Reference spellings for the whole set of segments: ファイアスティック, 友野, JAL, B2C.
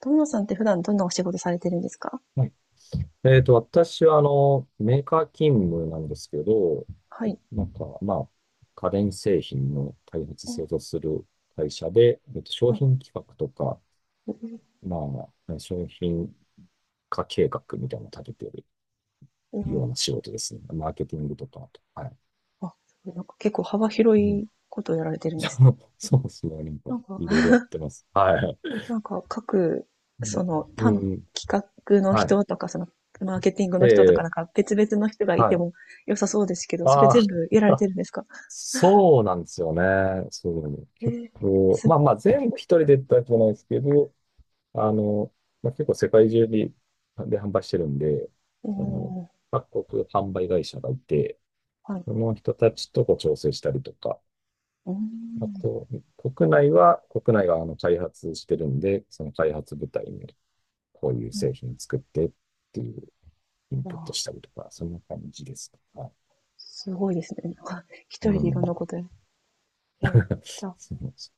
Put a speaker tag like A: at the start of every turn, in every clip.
A: 友野さんって普段どんなお仕事されてるんですか？
B: はい。私は、メーカー勤務なんですけど、
A: はい。
B: なんか、まあ、家電製品の開発、
A: うん、
B: 製造する会社で、商
A: あ、
B: 品企画とか、
A: うん、
B: まあ、商品化計画みたいなのを立ててる
A: う
B: よ
A: ん、
B: うな仕事ですね。マーケティングとか、はい。
A: あ、すごい、結構幅広
B: うん、
A: いことをやられてるんですね。
B: そうそうですね。なんか、
A: なんか、
B: いろいろや ってます。はい。
A: なんか各、その、
B: うん。
A: 単、
B: うん
A: 企画の
B: はい。
A: 人とか、その、マーケティングの人とか、
B: ええ
A: なんか別々の人がい
B: は
A: て
B: い。
A: も良さそうですけど、それ
B: あ
A: 全
B: あ。
A: 部やられてるんですか？
B: そうなんですよね。そうね。
A: え
B: 結
A: え、
B: 構、
A: す
B: ま
A: ご
B: あ
A: い。
B: まあ全部一人でってわけじゃないですけど、あの、まあ、結構世界中にで販売してるんで、
A: う
B: その、
A: ん、
B: 各国販売会社がいて、
A: はい。
B: その人たちとこう調整したりとか、
A: うー
B: あ
A: ん、
B: と、国内が開発してるんで、その開発部隊にこういう製
A: う
B: 品作ってっていうイン
A: ん、
B: プット
A: あ
B: し
A: ー、
B: たりとか、そんな感じですとか。
A: すごいですね。なんか、一人
B: う
A: でいろ
B: ん。
A: んなことや、ええー、じゃあ、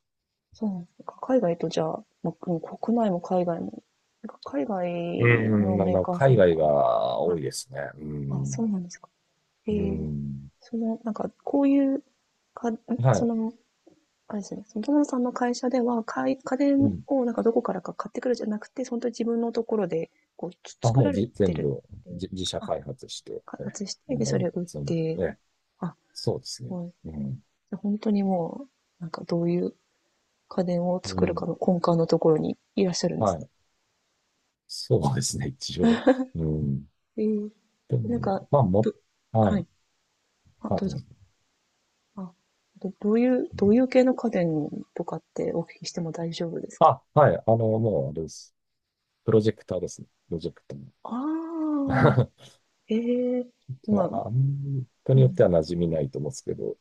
A: そうなんです。なんか海外と、じゃあ、まあもう国内も海外も。なんか海
B: う
A: 外の
B: ん、まあ、
A: メー
B: まあ
A: カーさ
B: 海
A: んと
B: 外
A: か。
B: が多
A: は
B: い
A: い。
B: ですね。う
A: あ、そう
B: ん。
A: なんですか。え
B: う
A: え、
B: ん。
A: その、なんか、こういう、か、ん
B: は
A: そ
B: い。
A: の、あれですね、その友野さんの会社では、家
B: う
A: 電
B: ん。
A: をなんかどこからか買ってくるじゃなくて、本当に自分のところで、こう、
B: あ、
A: 作
B: もう
A: られ
B: じ、
A: て
B: 全
A: る
B: 部、
A: っていう、
B: 自社
A: あ、
B: 開発して、
A: 開発して、
B: 販
A: で、そ
B: 売
A: れ
B: も
A: を売っ
B: 全
A: て、
B: 部、え
A: あ、
B: そうです
A: す
B: ね。
A: ごい。
B: うん。
A: で本当になんかどういう家電を
B: う
A: 作るか
B: ん。
A: の根幹のところにいらっしゃるんで
B: は
A: すね。
B: い。そうですね、一応。うん。
A: ええ、
B: で
A: なんか、
B: も、まあ、も、
A: ど、
B: は
A: は
B: い。
A: い。あ、
B: あ、
A: どう
B: どう
A: ぞ。
B: ぞ。
A: あ、どういう、
B: う
A: ど
B: ん
A: ういう系の家電とかってお聞きしても大丈夫ですか？
B: あ、はい。もう、あれです。プロジェクターですね。プロジェクタ
A: ああ、
B: ー。
A: ええ、
B: ま
A: まあ、
B: あ、あん人
A: う
B: によっ
A: ん。
B: ては馴染みないと思うんですけど。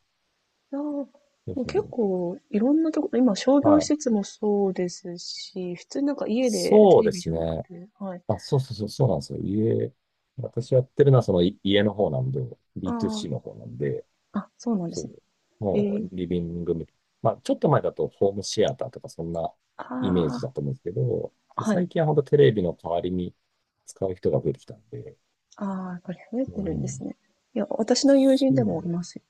A: いや、も
B: う
A: う結
B: ん
A: 構いろんなところ、今商
B: は
A: 業施
B: い。
A: 設もそうですし、普通になんか家でテ
B: そう
A: レ
B: で
A: ビ
B: す
A: じゃなく
B: ね。
A: て、はい。
B: あ、そうそうそう、そうなんですよ。家、私やってるのはその家の方なんで、
A: あ
B: B2C の方なんで、
A: あ、あ、そうなんで
B: そ
A: すね。
B: う、
A: え
B: も
A: え、
B: うリビング、まあちょっと前だとホームシアターとかそんなイメー
A: あ
B: ジだと思うんですけど、
A: あ、は
B: 最
A: い。
B: 近は本当テレビの代わりに使う人が増えてきたんで、
A: ああ、やっぱり増えて
B: う
A: るんです
B: ん、
A: ね。いや、私の友
B: そ
A: 人でもい
B: う、
A: ますよ。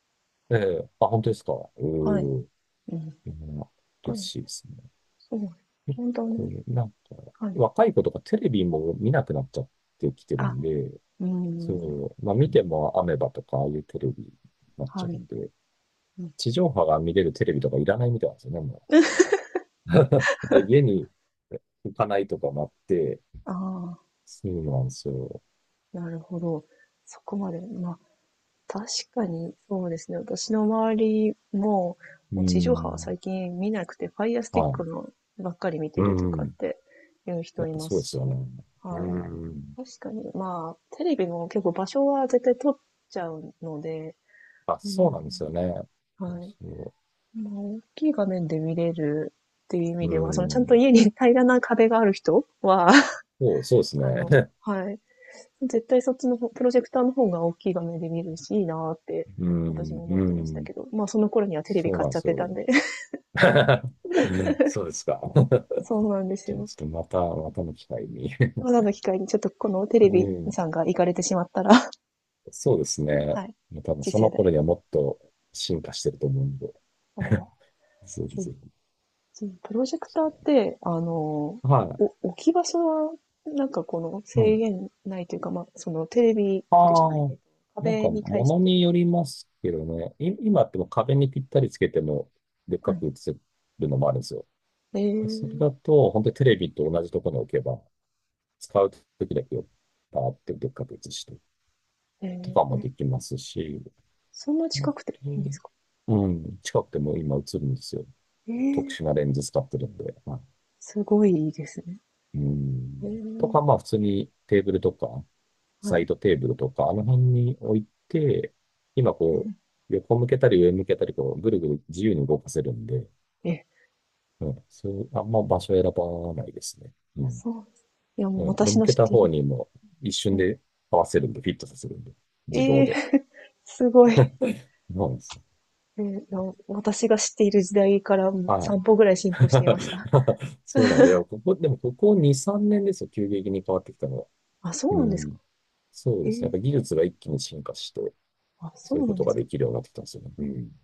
B: ええあ、本当ですか。う
A: はい。
B: ーん
A: うん。
B: 嬉
A: はい、
B: しいですね。
A: そう。
B: 結
A: 本当
B: 構
A: ね。
B: ね、なんか、
A: はい。
B: 若い子とかテレビも見なくなっちゃってきてる
A: あ、
B: んで、
A: うーん、
B: そう。まあ見てもアメバとかああいうテレビになっちゃ
A: は
B: う
A: い、
B: んで、
A: うん、
B: 地上波が見れるテレビとかいらないみたいなんですよね、もう。だから家に行かないとかもあって、
A: あ
B: そうなんですよ。
A: あ、なるほど。そこまで、まあ、確かにそうですね。私の周りも、
B: うー
A: もう地上波は最
B: ん。
A: 近見なくて、ファイアスティ
B: は
A: ック
B: い。
A: のばっかり見て
B: う
A: るとかっ
B: ん。
A: ていう人
B: やっ
A: い
B: ぱ
A: ま
B: そう
A: す
B: です
A: し、
B: よね。う
A: はい。
B: ん。
A: 確かに、まあ、テレビも結構場所は絶対取っちゃうので、
B: あ、
A: う
B: そう
A: ん、
B: なんですよね。
A: はい。
B: そ
A: まあ、大きい画面で見れるっていう意
B: う。
A: 味
B: う
A: では、そのちゃんと
B: ん。
A: 家に平らな壁がある人は、
B: そう、そうで す
A: あの、
B: ね。
A: はい。絶対そっちの方、プロジェクターの方が大きい画面で見るし、いいなーって、
B: う
A: 私
B: ん。
A: も思っ
B: う
A: てました
B: ん。
A: けど、まあその頃にはテレビ
B: そう
A: 買
B: なん
A: っ
B: で
A: ちゃっ
B: す
A: てた
B: よ。
A: んで、
B: そうですか。
A: そうなんです
B: じゃあ
A: よ。
B: ちょっとまた、またの機会に。
A: まだの機会にちょっとこのテ レ
B: う
A: ビ
B: ん。
A: さんが行かれてしまったら、
B: そうですね。
A: はい、
B: もう多分
A: 次
B: そ
A: 世
B: の
A: 代。
B: 頃にはもっと進化してると思うんで。
A: ああ、
B: ぜひ
A: そう。
B: ぜひ。
A: そうプロジェクターって、あの、お
B: は
A: 置き場所は、なんかこの
B: い。う
A: 制
B: ん。
A: 限ないというか、まあ、そのテレビじゃないね、
B: ああ、
A: え、
B: なん
A: 壁
B: か
A: に対し
B: 物に
A: て、
B: よりますけどね。今ってもう壁にぴったりつけてもでっ
A: は
B: か
A: い。
B: く映せるのもあるんですよ。
A: え
B: それ
A: ー、
B: だと、本当にテレビと同じところに置けば、使う時だけをバーってでっかく映して
A: え
B: とかも
A: ー、え、
B: できますし、
A: そんな
B: あと
A: 近くていいんですか？
B: うん、近くても今映るんですよ。
A: え
B: 特
A: え
B: 殊
A: ー、
B: なレンズ使ってるんで。はい
A: すごいいいですね。
B: う
A: え
B: ん。と
A: ー、
B: か、まあ普通にテーブルとか、
A: は
B: サ
A: い。
B: イドテーブルとか、あの辺に置いて、今こ う、横向けたり上向けたり、こう、ぐるぐる自由に動かせるんで、
A: ええ、
B: うん、そう、あんま場所選ばないですね。うん。
A: そうです。いや、も
B: う
A: う
B: ん。で、
A: 私
B: 向
A: の
B: け
A: 知っ
B: た
A: ている
B: 方にも一
A: う
B: 瞬
A: ん。
B: で合わせるんで、フィットさせるんで、自動
A: え
B: で。
A: え すごい。
B: そうなんですよ。
A: ええ、いや、私が知っている時代から、うん、
B: はい。
A: 3歩ぐらい進歩していました。
B: そうなんだよ。ここ、でもここ2、3年ですよ。急激に変わってきたのは。
A: あ、そう
B: う
A: なんですか。
B: ん。そう
A: え
B: ですね。やっ
A: え、
B: ぱ技術が一気に進化して、
A: あ、そ
B: そうい
A: う
B: う
A: な
B: こ
A: ん
B: と
A: で
B: が
A: すか。
B: できるようになってきたんですよね。うん。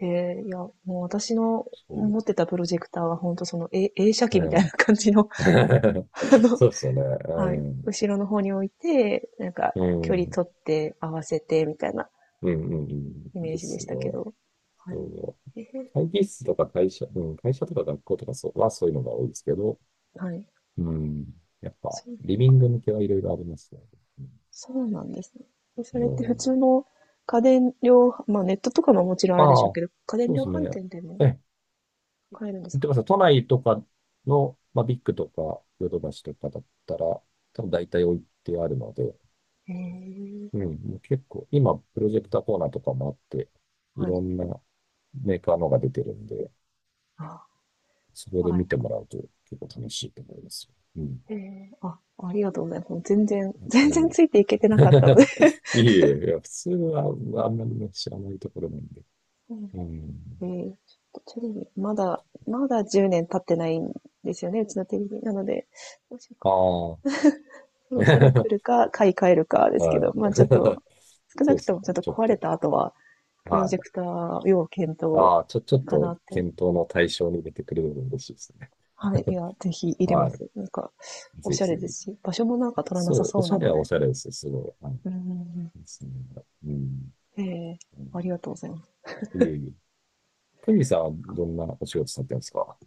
A: ええ、いや、もう私の
B: そ
A: 持ってたプロジェクターは本当その、え、映写
B: う。
A: 機み
B: う
A: たいな
B: ん。
A: 感じの、あの、
B: そうですよね。
A: は
B: う
A: い、
B: ん。
A: 後ろの方に置いて、なんか
B: う
A: 距離
B: ん。
A: 取って合わせてみたいな
B: うん、うん、う
A: イ
B: ん。
A: メー
B: で
A: ジで
B: す
A: し
B: ね。
A: たけど。はい。
B: そう。
A: ええ、
B: 会議室とか会社、うん、会社とか学校とかそうはそういうのが多いですけど、
A: はい。
B: うん。やっぱ、
A: そう、
B: リビング向けはいろいろありますね。う
A: そうなんですね。でそ
B: ん。
A: れって
B: う
A: 普
B: ん
A: 通の家電量まあ、ネットとかももちろんあ
B: あ
A: るでしょう
B: あ、
A: けど、家電
B: そうで
A: 量
B: すね。
A: 販店でも
B: え、
A: 買えるんです
B: 見
A: か？
B: てください。都内とかの、まあ、ビッグとか、ヨドバシとかだったら、多分大体置いてあるので、
A: へえ、
B: うん、もう結構、今、プロジェクターコーナーとかもあって、い
A: は
B: ろ
A: い。
B: んなメーカーのが出てるんで、
A: あ、
B: そこで
A: あ、
B: 見てもらうと結構楽しいと思いますよ。うん。
A: ええ、あ、ありがとうございます。もう全然
B: う
A: 全然
B: ん。
A: ついていけてなかったので。
B: いえいえ、いや、普通はあんまりね、知らないところなんで。
A: うん。
B: うん。
A: ええ、ちょっとテレビ、まだまだ10年経ってないんですよね、うちのテレビ。なので、もし
B: ああ。
A: そろそろ来 るか、買い替えるかですけ
B: はい。
A: ど、まあちょっと、少な
B: そうで
A: くと
B: すね。
A: もちょっと
B: ちょっ
A: 壊れた
B: と。
A: 後は、プロ
B: は
A: ジェ
B: い。
A: クター要検討
B: ああ、ちょ、ちょっ
A: かな
B: と
A: って。
B: 検討の対象に入れてくれるの嬉しいですね。
A: はい。いや、ぜひ入れま
B: は
A: す。なんか、
B: い。
A: お
B: ぜ
A: しゃれで
B: ひ。
A: すし、場所もなんか取らなさ
B: そう、お
A: そう
B: し
A: な
B: ゃれ
A: の
B: はお
A: で。
B: しゃれですよ。すごい。はい。
A: うん、うん、
B: いですね。うん。
A: うん。ええ、
B: う
A: あり
B: ん
A: がとうございます。
B: いえいえ。トミーさんはどんなお仕事されてるんですか？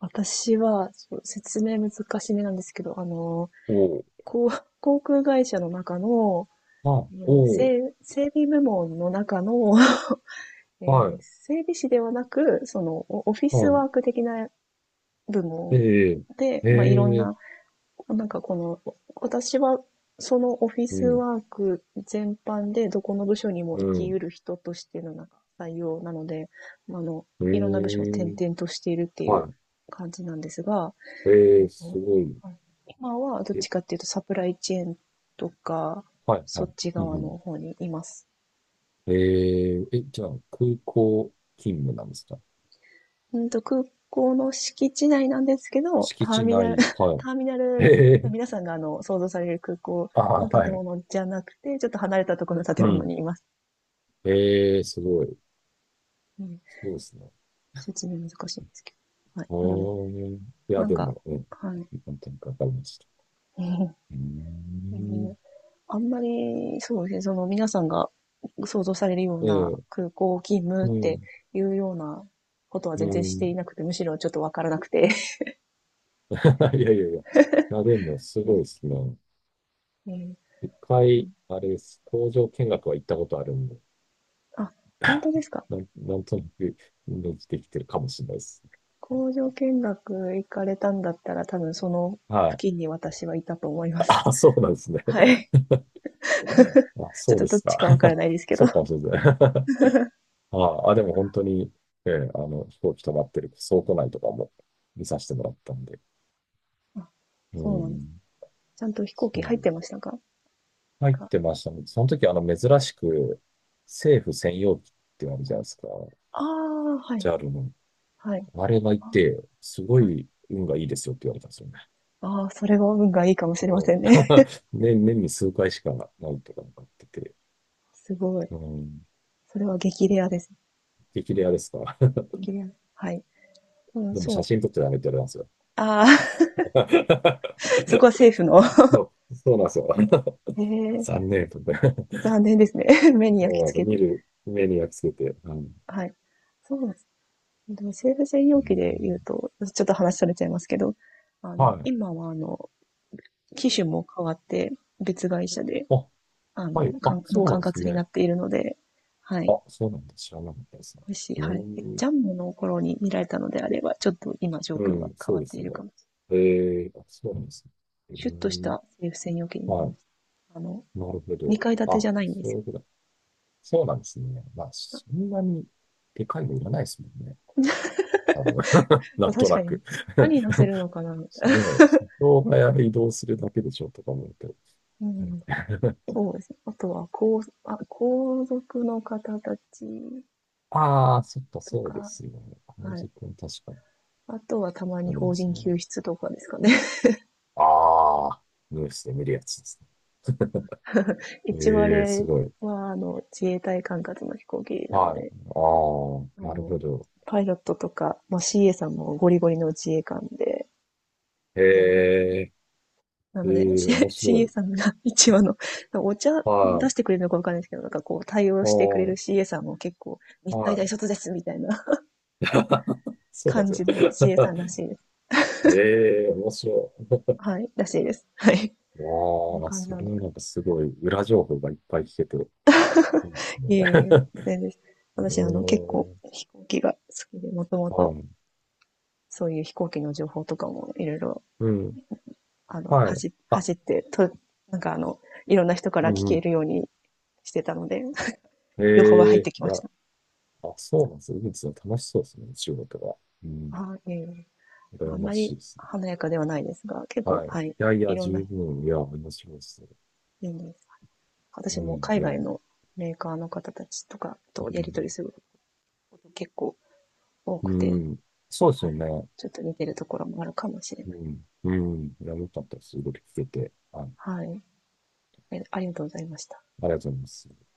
A: 私は、そう説明難しめなんですけど、あの、
B: おおー
A: こう航空会社の中の、
B: あ、おお、
A: 整備部門の中の、え
B: は
A: ー、
B: い、
A: 整備士ではなく、そのオフィス
B: は
A: ワーク的な部
B: い、
A: 門
B: ええ、
A: で、
B: え
A: まあ、いろん
B: え、
A: な、なんかこの、私はそのオフィ
B: う
A: ス
B: ん、
A: ワーク全般でどこの部署にも
B: う
A: 生きう
B: ん、
A: る人としてのなんか採用なので、まああの、
B: え
A: いろんな部署を転
B: え、
A: 々としているっていう
B: は
A: 感じなんですが、
B: い、え
A: えっ
B: え、す
A: と、
B: ごい、
A: 今はどっ
B: え、
A: ちかっていうとサプライチェーンとか、
B: はい、は
A: そ
B: い、
A: っち
B: う
A: 側
B: んうん、
A: の方にいます。
B: ええ、え、じゃあ、空港勤務なんですか？
A: うんと、空港の敷地内なんですけど、
B: 敷
A: ター
B: 地
A: ミナル、
B: 内、はい、
A: ターミナ
B: え
A: ル、
B: え、
A: 皆さんがあの、想像される空港
B: ああ、
A: の
B: は
A: 建
B: い、
A: 物じゃなくて、ちょっと離れたところの建
B: う
A: 物
B: ん、
A: にいます。
B: ええ、すごい、
A: うん、
B: そうですね。
A: 説明難しいんですけど。はい。
B: う
A: なので、
B: ーん、いや、
A: なん
B: で
A: か、
B: も、うん、
A: はい。
B: 何点かわかりました。うー
A: う
B: ん、
A: ん、あんまり、そうですね、その皆さんが想像されるような
B: ええ
A: 空港勤務っ
B: う
A: て
B: ん。
A: いうようなことは
B: う
A: 全然して
B: ん。
A: いなくて、むしろちょっとわからなくて。
B: いやいやいや。いや、でも、すごいです ね。
A: えー、
B: 一回、あれです。工場見学は行ったことあるんで、
A: あ、本当ですか？
B: なんとなくイメージできてるかもしれないです。
A: 工場見学行かれたんだったら、多分その
B: はい。
A: 付近に私はいたと思います。
B: あ、そう なんですね。
A: は い。
B: あ、
A: ちょっ
B: そう
A: と
B: で
A: どっ
B: す
A: ち
B: か。
A: かわから ないですけど。
B: そうかもしれないで あ、あ、でも本当に、ええ、飛行機止まってる倉庫内とかも見させてもらったんで。
A: あ、
B: う
A: そうなんです。
B: ん。
A: ちゃんと飛行機
B: そう
A: 入っ
B: で
A: てま
B: す。
A: したか？
B: 入っ
A: か
B: てましたね。その時、珍しく、政府専用機ってあるじゃないですか。
A: ああー、はい、
B: JAL の。
A: はい。
B: あれがい
A: あ、
B: て、すご
A: はい。
B: い運がいいですよって言われたんですよね。
A: ああ、それは運がいいかもしれま
B: う
A: せ
B: ん
A: んね。
B: 年に数回しかないってかなんか言ってて。
A: すごい。
B: うん。
A: それは激レアです。
B: 激レアですか。
A: 激レア。はい。う ん、
B: でも
A: そう
B: 写
A: ですね。
B: 真撮っちゃダメって言われ
A: ああ、
B: たんで す
A: そこ
B: よ。
A: は政府の。
B: そう、そうなんですよ。
A: へ え、
B: 残念とか。
A: 残念ですね。目に
B: そ
A: 焼
B: うな
A: き
B: んですよ。
A: 付け
B: 見
A: て。
B: る目に焼き付けて。うん。
A: はい。そうでも政府専
B: う
A: 用
B: ん
A: 機で言うと、ちょっと話されちゃいますけど、あの、
B: はい。
A: 今は、あの、機種も変わって、別会社で、
B: あ、
A: あ
B: は
A: の、
B: い。あ、そうな
A: 管
B: んです
A: 轄に
B: ね。
A: なっているので、はい。
B: あ、そうなんだ。知らなかったですね。
A: もし、
B: う
A: はい。
B: ん。
A: ジャンボの頃に見られたのであれば、ちょっと今状
B: う
A: 況が
B: ん、
A: 変
B: そう
A: わっ
B: で
A: て
B: す
A: いる
B: ね。
A: かもし
B: え
A: れない。はい。
B: ー、あ、そうなんですね。え
A: シュッとし
B: ー、
A: た政府専用機になり
B: は
A: ま
B: い。
A: した。あの、
B: なるほど。
A: 2階建て
B: あ、
A: じゃないんで
B: そう
A: す
B: いうことだ。そうなんですね。まあ、そんなにでかいのいらないですもんね。多分。
A: よ。ま
B: な
A: あ
B: んと
A: 確
B: な
A: かに、
B: く
A: 何乗 せるのかな。
B: ねえ、人が移動するだけでしょとか思うと。
A: うん。そうですね。あとは、皇族の方たち
B: あ あー、そっか、
A: と
B: そうで
A: か、
B: すよね。あの
A: はい。
B: 時間確かに
A: あとはたまに
B: なりま
A: 邦
B: す
A: 人
B: ね。
A: 救出とかですかね。
B: ああ、ニュースで見るやつです ね。
A: 一応あ
B: ええ、す
A: れ
B: ごい。
A: は、あの、自衛隊管轄の飛行機なの
B: はい。
A: で、あ
B: ああ、なる
A: の、
B: ほど。
A: パイロットとか、まあ、CA さんもゴリゴリの自衛官で、
B: え
A: 嫌だなんでね。
B: え、
A: な
B: え
A: ので、
B: え、面白
A: CA
B: い。
A: さんが一話の、お茶
B: は
A: 出し
B: い。
A: てくれるのかわかんないですけど、なんかこう対応
B: あ
A: してくれ
B: あ、
A: る CA さんも結構、日体
B: は
A: 大
B: い。
A: 卒ですみたいな
B: そうなんで
A: 感
B: すよ。
A: じの CA さんら しいです。
B: ええ面白い。
A: はい、らしいです。はい。そういう
B: わあ、
A: 感じ
B: そ
A: なん
B: れ
A: です。
B: はなんかすごい裏情報がいっぱい聞けて。うん。
A: いえいえ、全然です。
B: う
A: 私、あの、結構
B: ーん。
A: 飛行機が好きで、もともと
B: あ、
A: そういう飛行機の情報とかもいろいろ、
B: うん。
A: あの、
B: はい。
A: 走、
B: あ、
A: 走って、と、なんかあの、いろんな人か
B: う
A: ら聞
B: んう
A: け
B: ん。
A: るようにしてたので、
B: え
A: 情報は入っ
B: え
A: てき
B: い
A: まし
B: や、
A: た。
B: あ、そうなんですね。いいですね。楽しそうですね。仕事が。うん。
A: あ、いえいえ。あ
B: 羨
A: ん
B: ま
A: ま
B: しい
A: り
B: ですね。
A: 華やかではないですが、結構、
B: はい。
A: はい、
B: いやい
A: い
B: や、
A: ろん
B: 十
A: な
B: 分。いや、面白いですね。
A: 人です。
B: う
A: 私も
B: ん。い
A: 海
B: や、う
A: 外
B: ん。
A: のメーカーの方たちとかとやり取りすること結構多
B: う
A: くて、
B: ん。そうです
A: は
B: よ
A: い。
B: ね。
A: ちょっと似てるところもあるかもしれ
B: う
A: ない。
B: ん。うん。いや、よかったです。ごいろ聞けて。はい。
A: はい。え、ありがとうございました。
B: ありがとうございます。